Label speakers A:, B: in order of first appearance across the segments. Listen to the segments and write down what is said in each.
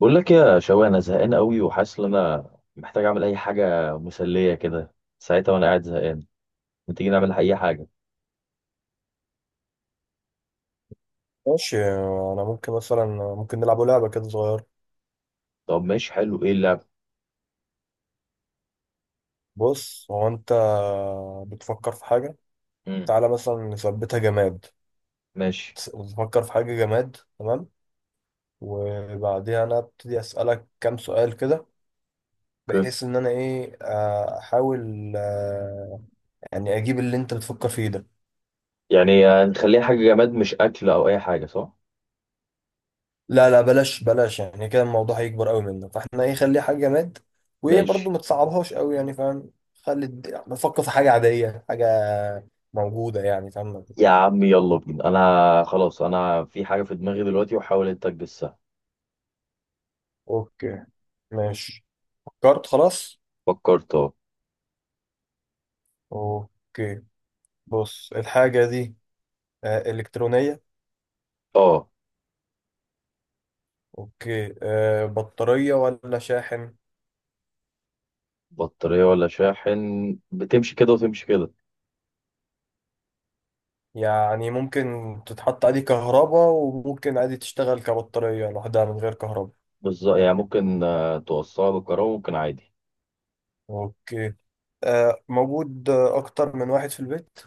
A: بقول لك يا شوقي، انا زهقان قوي وحاسس ان انا محتاج اعمل اي حاجه مسليه كده ساعتها وانا قاعد زهقان. ما تيجي نعمل اي حاجه؟
B: ماشي. انا ممكن مثلا، ممكن نلعب لعبه كده صغيره.
A: طب ماشي، حلو. ايه اللعب؟
B: بص، هو انت بتفكر في حاجه.
A: امم
B: تعالى مثلا نثبتها جماد.
A: ماشي.
B: بتفكر في حاجه جماد؟ تمام. وبعديها انا ابتدي اسالك كام سؤال كده،
A: اوكي.
B: بحيث ان انا ايه احاول يعني اجيب اللي انت بتفكر فيه ده.
A: يعني نخليها حاجه جماد، مش اكل او اي حاجه، صح؟
B: لا لا، بلاش بلاش، يعني كده الموضوع هيكبر قوي منك، فاحنا ايه، خليها حاجه جماد. وايه برضو
A: ماشي.
B: ما تصعبهاش قوي، يعني فاهم؟ خلي نفكر في حاجه عاديه، حاجه موجوده، يعني فاهم؟
A: يا عم يلا بينا، انا خلاص، انا في حاجه في دماغي دلوقتي وحاول انت تجسها.
B: اوكي. ماشي. فكرت؟ خلاص.
A: فكرت، اه.
B: اوكي، بص الحاجة دي إلكترونية؟
A: اه.
B: اوكي. بطارية ولا شاحن؟
A: بطاريه ولا شاحن، بتمشي كده وتمشي كده.
B: يعني ممكن تتحط عليه كهرباء وممكن عادي تشتغل كبطارية لوحدها من غير كهرباء؟
A: بالظبط، يعني ممكن توصلها بالكهرباء، ممكن عادي.
B: اوكي. موجود أكتر من واحد في البيت؟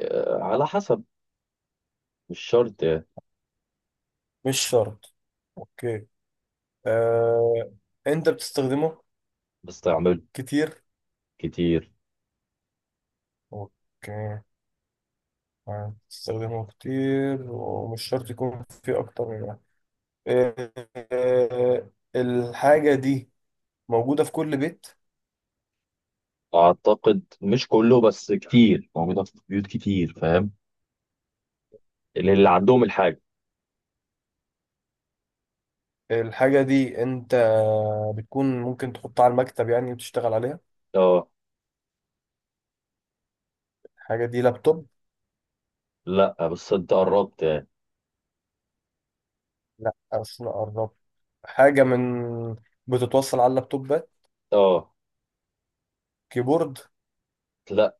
A: على حسب، مش شرط يعني.
B: مش شرط. اوكي. آه، أنت بتستخدمه
A: بستعمله
B: كتير؟
A: كتير.
B: اوكي. بتستخدمه كتير ومش شرط يكون في أكتر من آه، آه، الحاجة دي موجودة في كل بيت؟
A: اعتقد مش كله بس كتير، موجوده في بيوت كتير، فاهم؟ اللي عندهم الحاجه.
B: الحاجة دي انت بتكون ممكن تحطها على المكتب يعني وتشتغل عليها؟
A: اه.
B: الحاجة دي لابتوب؟
A: لا بس انت قربت يعني.
B: لا اصل أنا قربت. حاجة من بتتوصل على اللابتوبات؟
A: اه.
B: كيبورد؟
A: لا،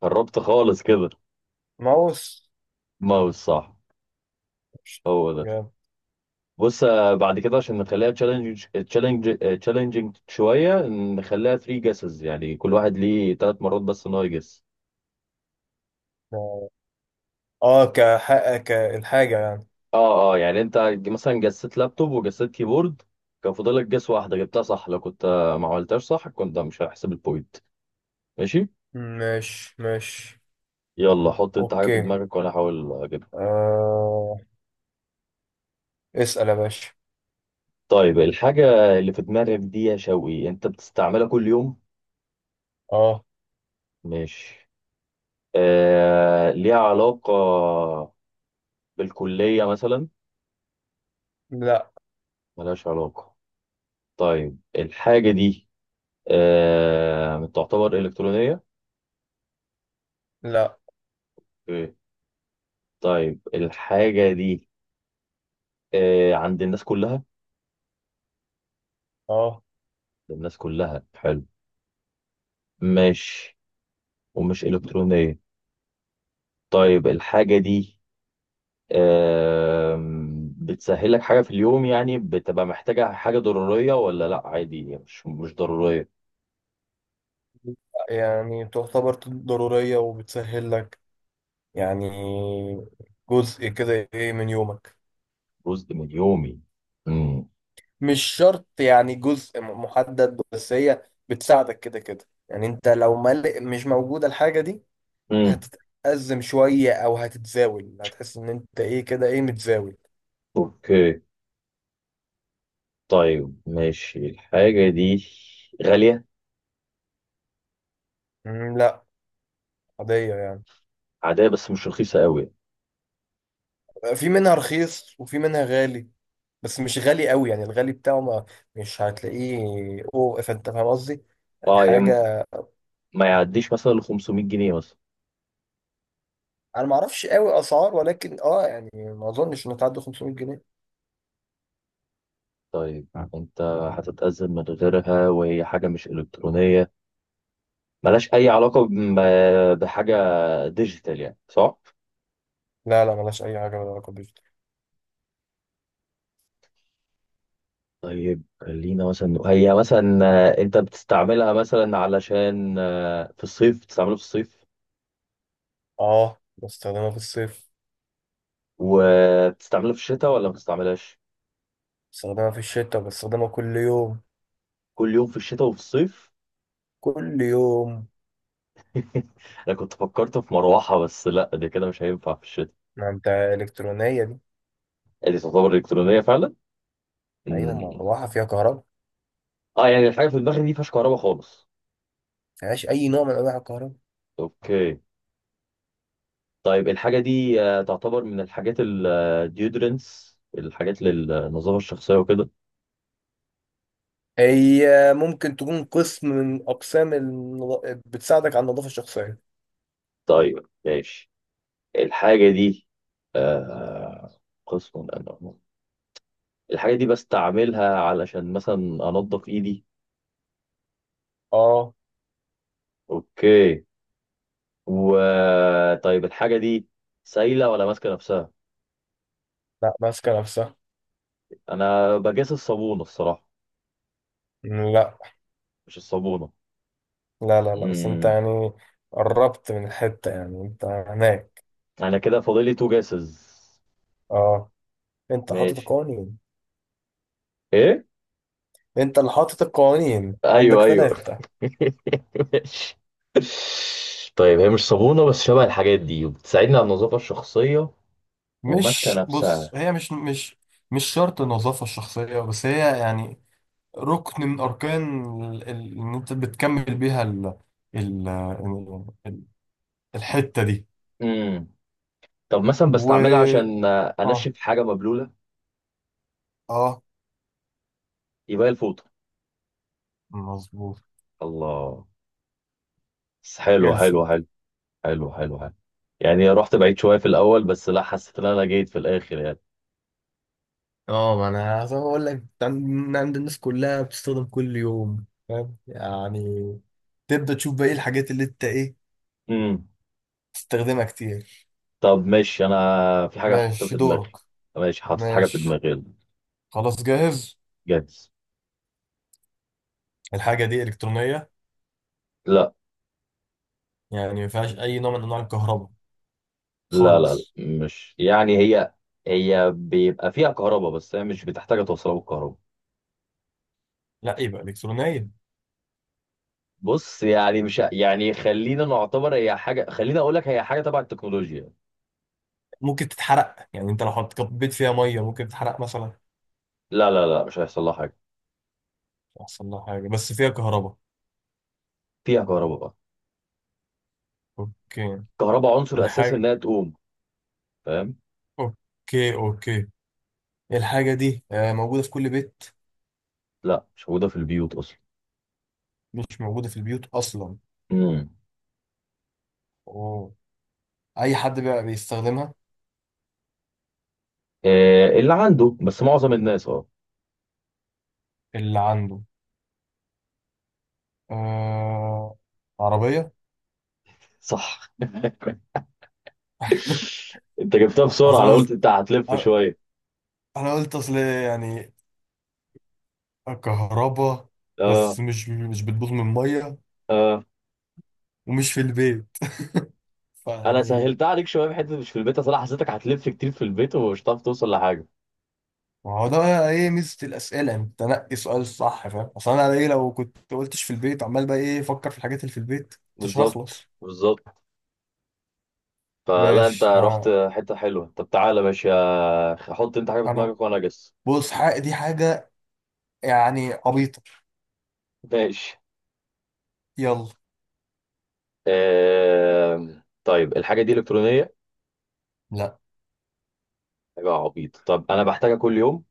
A: قربت خالص كده.
B: ماوس؟
A: ماوس، صح.
B: مش-
A: هو ده.
B: جاب.
A: بص، بعد كده عشان نخليها تشالنجينج شويه، نخليها 3 جيسز، يعني كل واحد ليه 3 مرات بس ان هو يجس.
B: اه، كحق كالحاجة يعني.
A: اه، اه. يعني انت مثلا جسيت لابتوب وجسيت كيبورد، كان فاضلك جس واحده، جبتها صح. لو كنت ما عملتهاش صح كنت مش هحسب البوينت. ماشي.
B: مش.
A: يلا، حط انت حاجة في
B: اوكي.
A: دماغك وانا احاول اجيبها.
B: آه. اسأل يا باشا.
A: طيب الحاجة اللي في دماغك دي يا شوقي، انت بتستعملها كل يوم؟
B: اه.
A: ماشي. ليها علاقة بالكلية مثلا؟
B: لا
A: ملهاش علاقة. طيب الحاجة دي تعتبر إلكترونية؟
B: لا.
A: ايه. طيب الحاجة دي عند الناس كلها؟ عند
B: اه،
A: الناس كلها. حلو، ماشي. ومش إلكترونية. طيب الحاجة دي، بتسهل لك حاجة في اليوم؟ يعني بتبقى محتاجة حاجة، ضرورية ولا لا؟ عادي، مش ضرورية.
B: يعني تعتبر ضرورية وبتسهل لك، يعني جزء كده ايه من يومك.
A: جزء من يومي. امم
B: مش شرط يعني جزء محدد، بس هي بتساعدك كده كده. يعني انت لو مش موجودة الحاجة دي
A: امم
B: هتتأزم شوية او هتتزاول، هتحس ان انت ايه كده، ايه، متزاول.
A: اوكي. طيب ماشي. الحاجة دي غالية؟
B: مم، لا، عادية يعني.
A: عادية بس مش رخيصة قوي.
B: في منها رخيص وفي منها غالي، بس مش غالي قوي. يعني الغالي بتاعه ما مش هتلاقيه. اوه، فانت فاهم قصدي، يعني
A: اه يعني
B: حاجة.
A: ما يعديش مثلا ل 500 جنيه مثلا.
B: انا ما اعرفش قوي اسعار، ولكن اه يعني ما اظنش انها تعدي 500 جنيه.
A: طيب، انت هتتأذى من غيرها وهي حاجة مش إلكترونية، ملهاش أي علاقة بحاجة ديجيتال يعني، صح؟
B: لا لا، ملهاش اي حاجه ولا علاقه بيوتي.
A: طيب خلينا مثلا، هي مثلا انت بتستعملها مثلا علشان في الصيف، بتستعملها في الصيف.
B: اه، بستخدمها في الصيف.
A: وبتستعملها في الشتاء ولا ما بتستعملهاش؟
B: بستخدمها في الشتاء، بستخدمها كل يوم.
A: كل يوم في الشتاء وفي الصيف.
B: كل يوم.
A: انا كنت فكرت في مروحة بس لا، دي كده مش هينفع في الشتاء.
B: ما انت الكترونيه دي!
A: دي تعتبر الكترونية فعلا.
B: ايوه،
A: مم.
B: مروحه فيها كهرباء ما.
A: اه يعني الحاجة في دماغي دي مفيهاش كهرباء خالص.
B: فيهاش اي نوع من انواع الكهرباء.
A: اوكي. طيب الحاجة دي تعتبر من الحاجات الديودرنس، الحاجات للنظافة الشخصية وكده.
B: هي ممكن تكون قسم من اقسام بتساعدك على النظافه الشخصيه.
A: طيب ماشي. الحاجة دي آه قسم أنه الحاجة دي بستعملها علشان مثلا أنضف إيدي.
B: اه.
A: أوكي. و طيب الحاجة دي سايلة ولا ماسكة نفسها؟
B: لا، ماسكه نفسها.
A: أنا بجاس الصابونة الصراحة.
B: لا
A: مش الصابونة.
B: لا لا، لا بس انت
A: امم
B: يعني قربت من الحته، يعني انت هناك.
A: أنا كده فاضلي تو جاسز.
B: اه، انت حاطط
A: ماشي.
B: القوانين.
A: إيه.
B: انت اللي حاطط القوانين، عندك
A: أيوه، أيوه.
B: ثلاثة.
A: ماشي. طيب هي مش صابونة بس شبه الحاجات دي وبتساعدني على النظافة الشخصية، وماسكة
B: مش بص،
A: نفسها.
B: هي مش، مش شرط النظافة الشخصية بس، هي يعني ركن من أركان إن أنت بتكمل بيها ال ال- الحتة دي.
A: امم طب مثلا
B: و،
A: بستعملها عشان
B: آه
A: انشف حاجه مبلوله.
B: آه
A: يبقى هي الفوطه.
B: مظبوط.
A: الله، بس حلو حلو
B: الفوت.
A: حلو حلو حلو حلو. يعني رحت بعيد شويه في الاول بس لا، حسيت ان انا جيت في الاخر يعني.
B: اه، ما انا عايز اقول لك عند الناس كلها بتستخدم كل يوم، فاهم يعني. تبدأ تشوف بقى ايه الحاجات اللي انت ايه
A: امم
B: تستخدمها كتير.
A: طب ماشي، انا في حاجه حاططها
B: ماشي
A: في
B: دورك.
A: دماغي. ماشي، حاطط حاجه في
B: ماشي.
A: دماغي، يلا.
B: خلاص جاهز.
A: جاهز.
B: الحاجة دي إلكترونية؟
A: لا،
B: يعني ما فيهاش أي نوع من أنواع الكهرباء
A: لا، لا، لا،
B: خالص؟
A: مش يعني هي بيبقى فيها كهرباء، بس هي مش بتحتاج توصلها بالكهرباء.
B: لا يبقى إلكترونية.
A: بص يعني، مش ه- يعني خلينا نعتبر هي حاجه، خلينا اقول لك هي حاجه تبع التكنولوجيا.
B: ممكن تتحرق، يعني أنت لو حط كبيت فيها مية ممكن تتحرق مثلا؟
A: لا، لا، لا، مش هيحصل لها حاجه.
B: يحصل لها حاجة، بس فيها كهرباء.
A: فيها كهرباء بقى.
B: أوكي.
A: كهرباء عنصر اساسي
B: الحاجة.
A: انها تقوم، فاهم.
B: أوكي أوكي. الحاجة دي موجودة في كل بيت؟
A: لا، مش موجوده في البيوت اصلا.
B: مش موجودة في البيوت أصلا.
A: امم
B: أوه. أي حد بقى بيستخدمها؟
A: آه، اللي عنده بس معظم الناس. اه،
B: اللي عنده. آه... عربية؟
A: صح. انت جبتها بسرعه، انا
B: أصلا
A: قلت
B: قلت،
A: انت هتلف
B: آه،
A: شويه.
B: انا قلت اصل يعني كهربا،
A: اه،
B: بس مش بتبوظ من ميه،
A: اه.
B: ومش في البيت.
A: انا
B: فيعني
A: سهلتها عليك شويه بحته مش في البيت، اصل انا حسيتك هتلف كتير في البيت ومش هتعرف توصل لحاجه.
B: ما هو ده ايه ميزه الاسئله، انت تنقي سؤال الصح، فاهم. اصل انا ايه، لو كنت قلتش في البيت عمال بقى ايه افكر في الحاجات اللي في البيت، مش
A: بالظبط،
B: هخلص.
A: بالظبط. فلا، انت
B: ماشي.
A: رحت حته حلوه. طب تعالى ماشي، حط انت حاجه في
B: انا،
A: دماغك وانا اجس.
B: بص حق دي حاجه يعني عبيطه.
A: ماشي.
B: يلا.
A: طيب الحاجه دي الكترونيه؟
B: لا.
A: حاجة عبيط، طب أنا بحتاجها كل يوم؟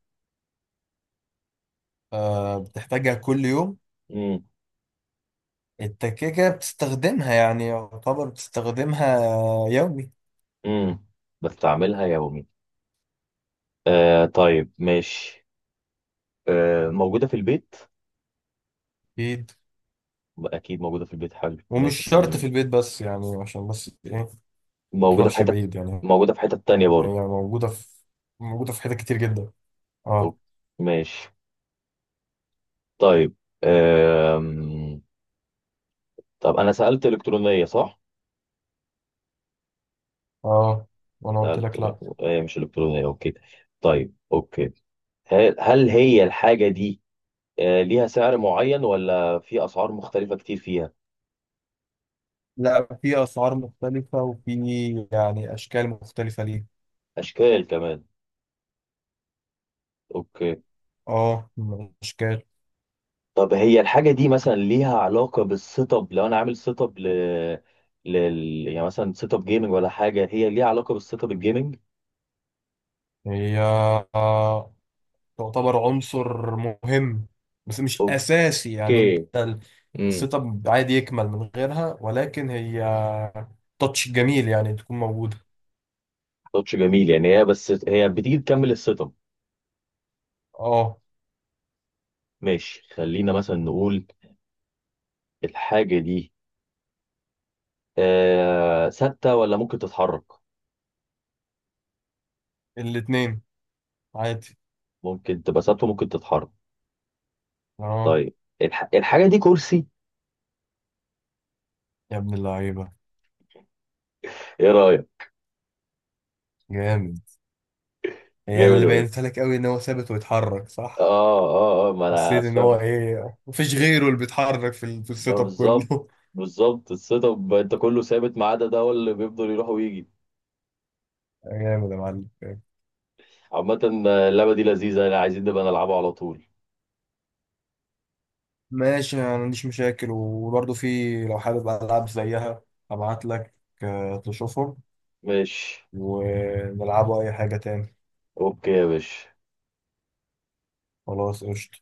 B: بتحتاجها كل يوم.
A: امم
B: انت كده كده بتستخدمها، يعني يعتبر بتستخدمها يومي.
A: امم بستعملها يومي. طيب ماشي. موجودة في البيت؟
B: اكيد.
A: أكيد موجودة في البيت. حلو،
B: ومش
A: ماشي،
B: شرط
A: عشان
B: في البيت بس يعني، عشان بس ايه
A: موجودة في
B: تروحش
A: حتة،
B: بعيد يعني.
A: موجودة في حتة تانية
B: هي
A: برضه.
B: موجودة في حتت كتير جدا.
A: طب
B: اه
A: ماشي. طيب، آم... طب أنا سألت إلكترونية، صح؟
B: اه وانا قلت
A: سألت
B: لك لا.
A: هي مش إلكترونية، أوكي. طيب أوكي، هل هي الحاجة دي ليها سعر معين ولا في أسعار مختلفة كتير فيها؟
B: لا، في اسعار مختلفة، وفي يعني اشكال مختلفة ليها.
A: أشكال كمان. أوكي.
B: اه، الاشكال.
A: طب هي الحاجة دي مثلا ليها علاقة بالسيت اب؟ لو أنا عامل سيت اب لل يعني مثلا سيت اب جيمنج ولا حاجة، هي ليها علاقة بالسيت اب الجيمنج؟
B: هي آه، تعتبر عنصر مهم بس مش اساسي. يعني
A: اوكي. امم
B: السيت اب عادي يكمل من غيرها، ولكن هي تاتش جميل يعني تكون موجودة.
A: تاتش جميل يعني، هي بس هي بتيجي تكمل السيت اب.
B: اه،
A: ماشي، خلينا مثلا نقول الحاجة دي ثابتة ولا ممكن تتحرك؟
B: الاتنين عادي.
A: ممكن تبقى ثابتة، ممكن تتحرك.
B: اه
A: طيب الحاجة دي كرسي،
B: يا ابن اللعيبة!
A: ايه رأيك؟
B: جامد. يعني
A: جامد
B: اللي
A: أوي.
B: بينت لك قوي ان هو ثابت ويتحرك، صح؟
A: اه، اه، اه، ما انا.
B: حسيت ان هو ايه، مفيش غيره اللي بيتحرك في السيت اب
A: بالظبط،
B: كله.
A: بالظبط. السيت اب انت كله ثابت ما عدا ده، هو اللي بيفضل يروح ويجي.
B: جامد يا معلم.
A: عامة، اللعبة دي لذيذة يعني، عايزين نبقى نلعبها على طول.
B: ماشي، انا ما عنديش مشاكل، وبرضه، في لو حابب العاب زيها ابعت لك تشوفهم
A: ماشي.
B: ونلعبوا اي حاجة تاني.
A: اوكي يا باشا.
B: خلاص، قشطة.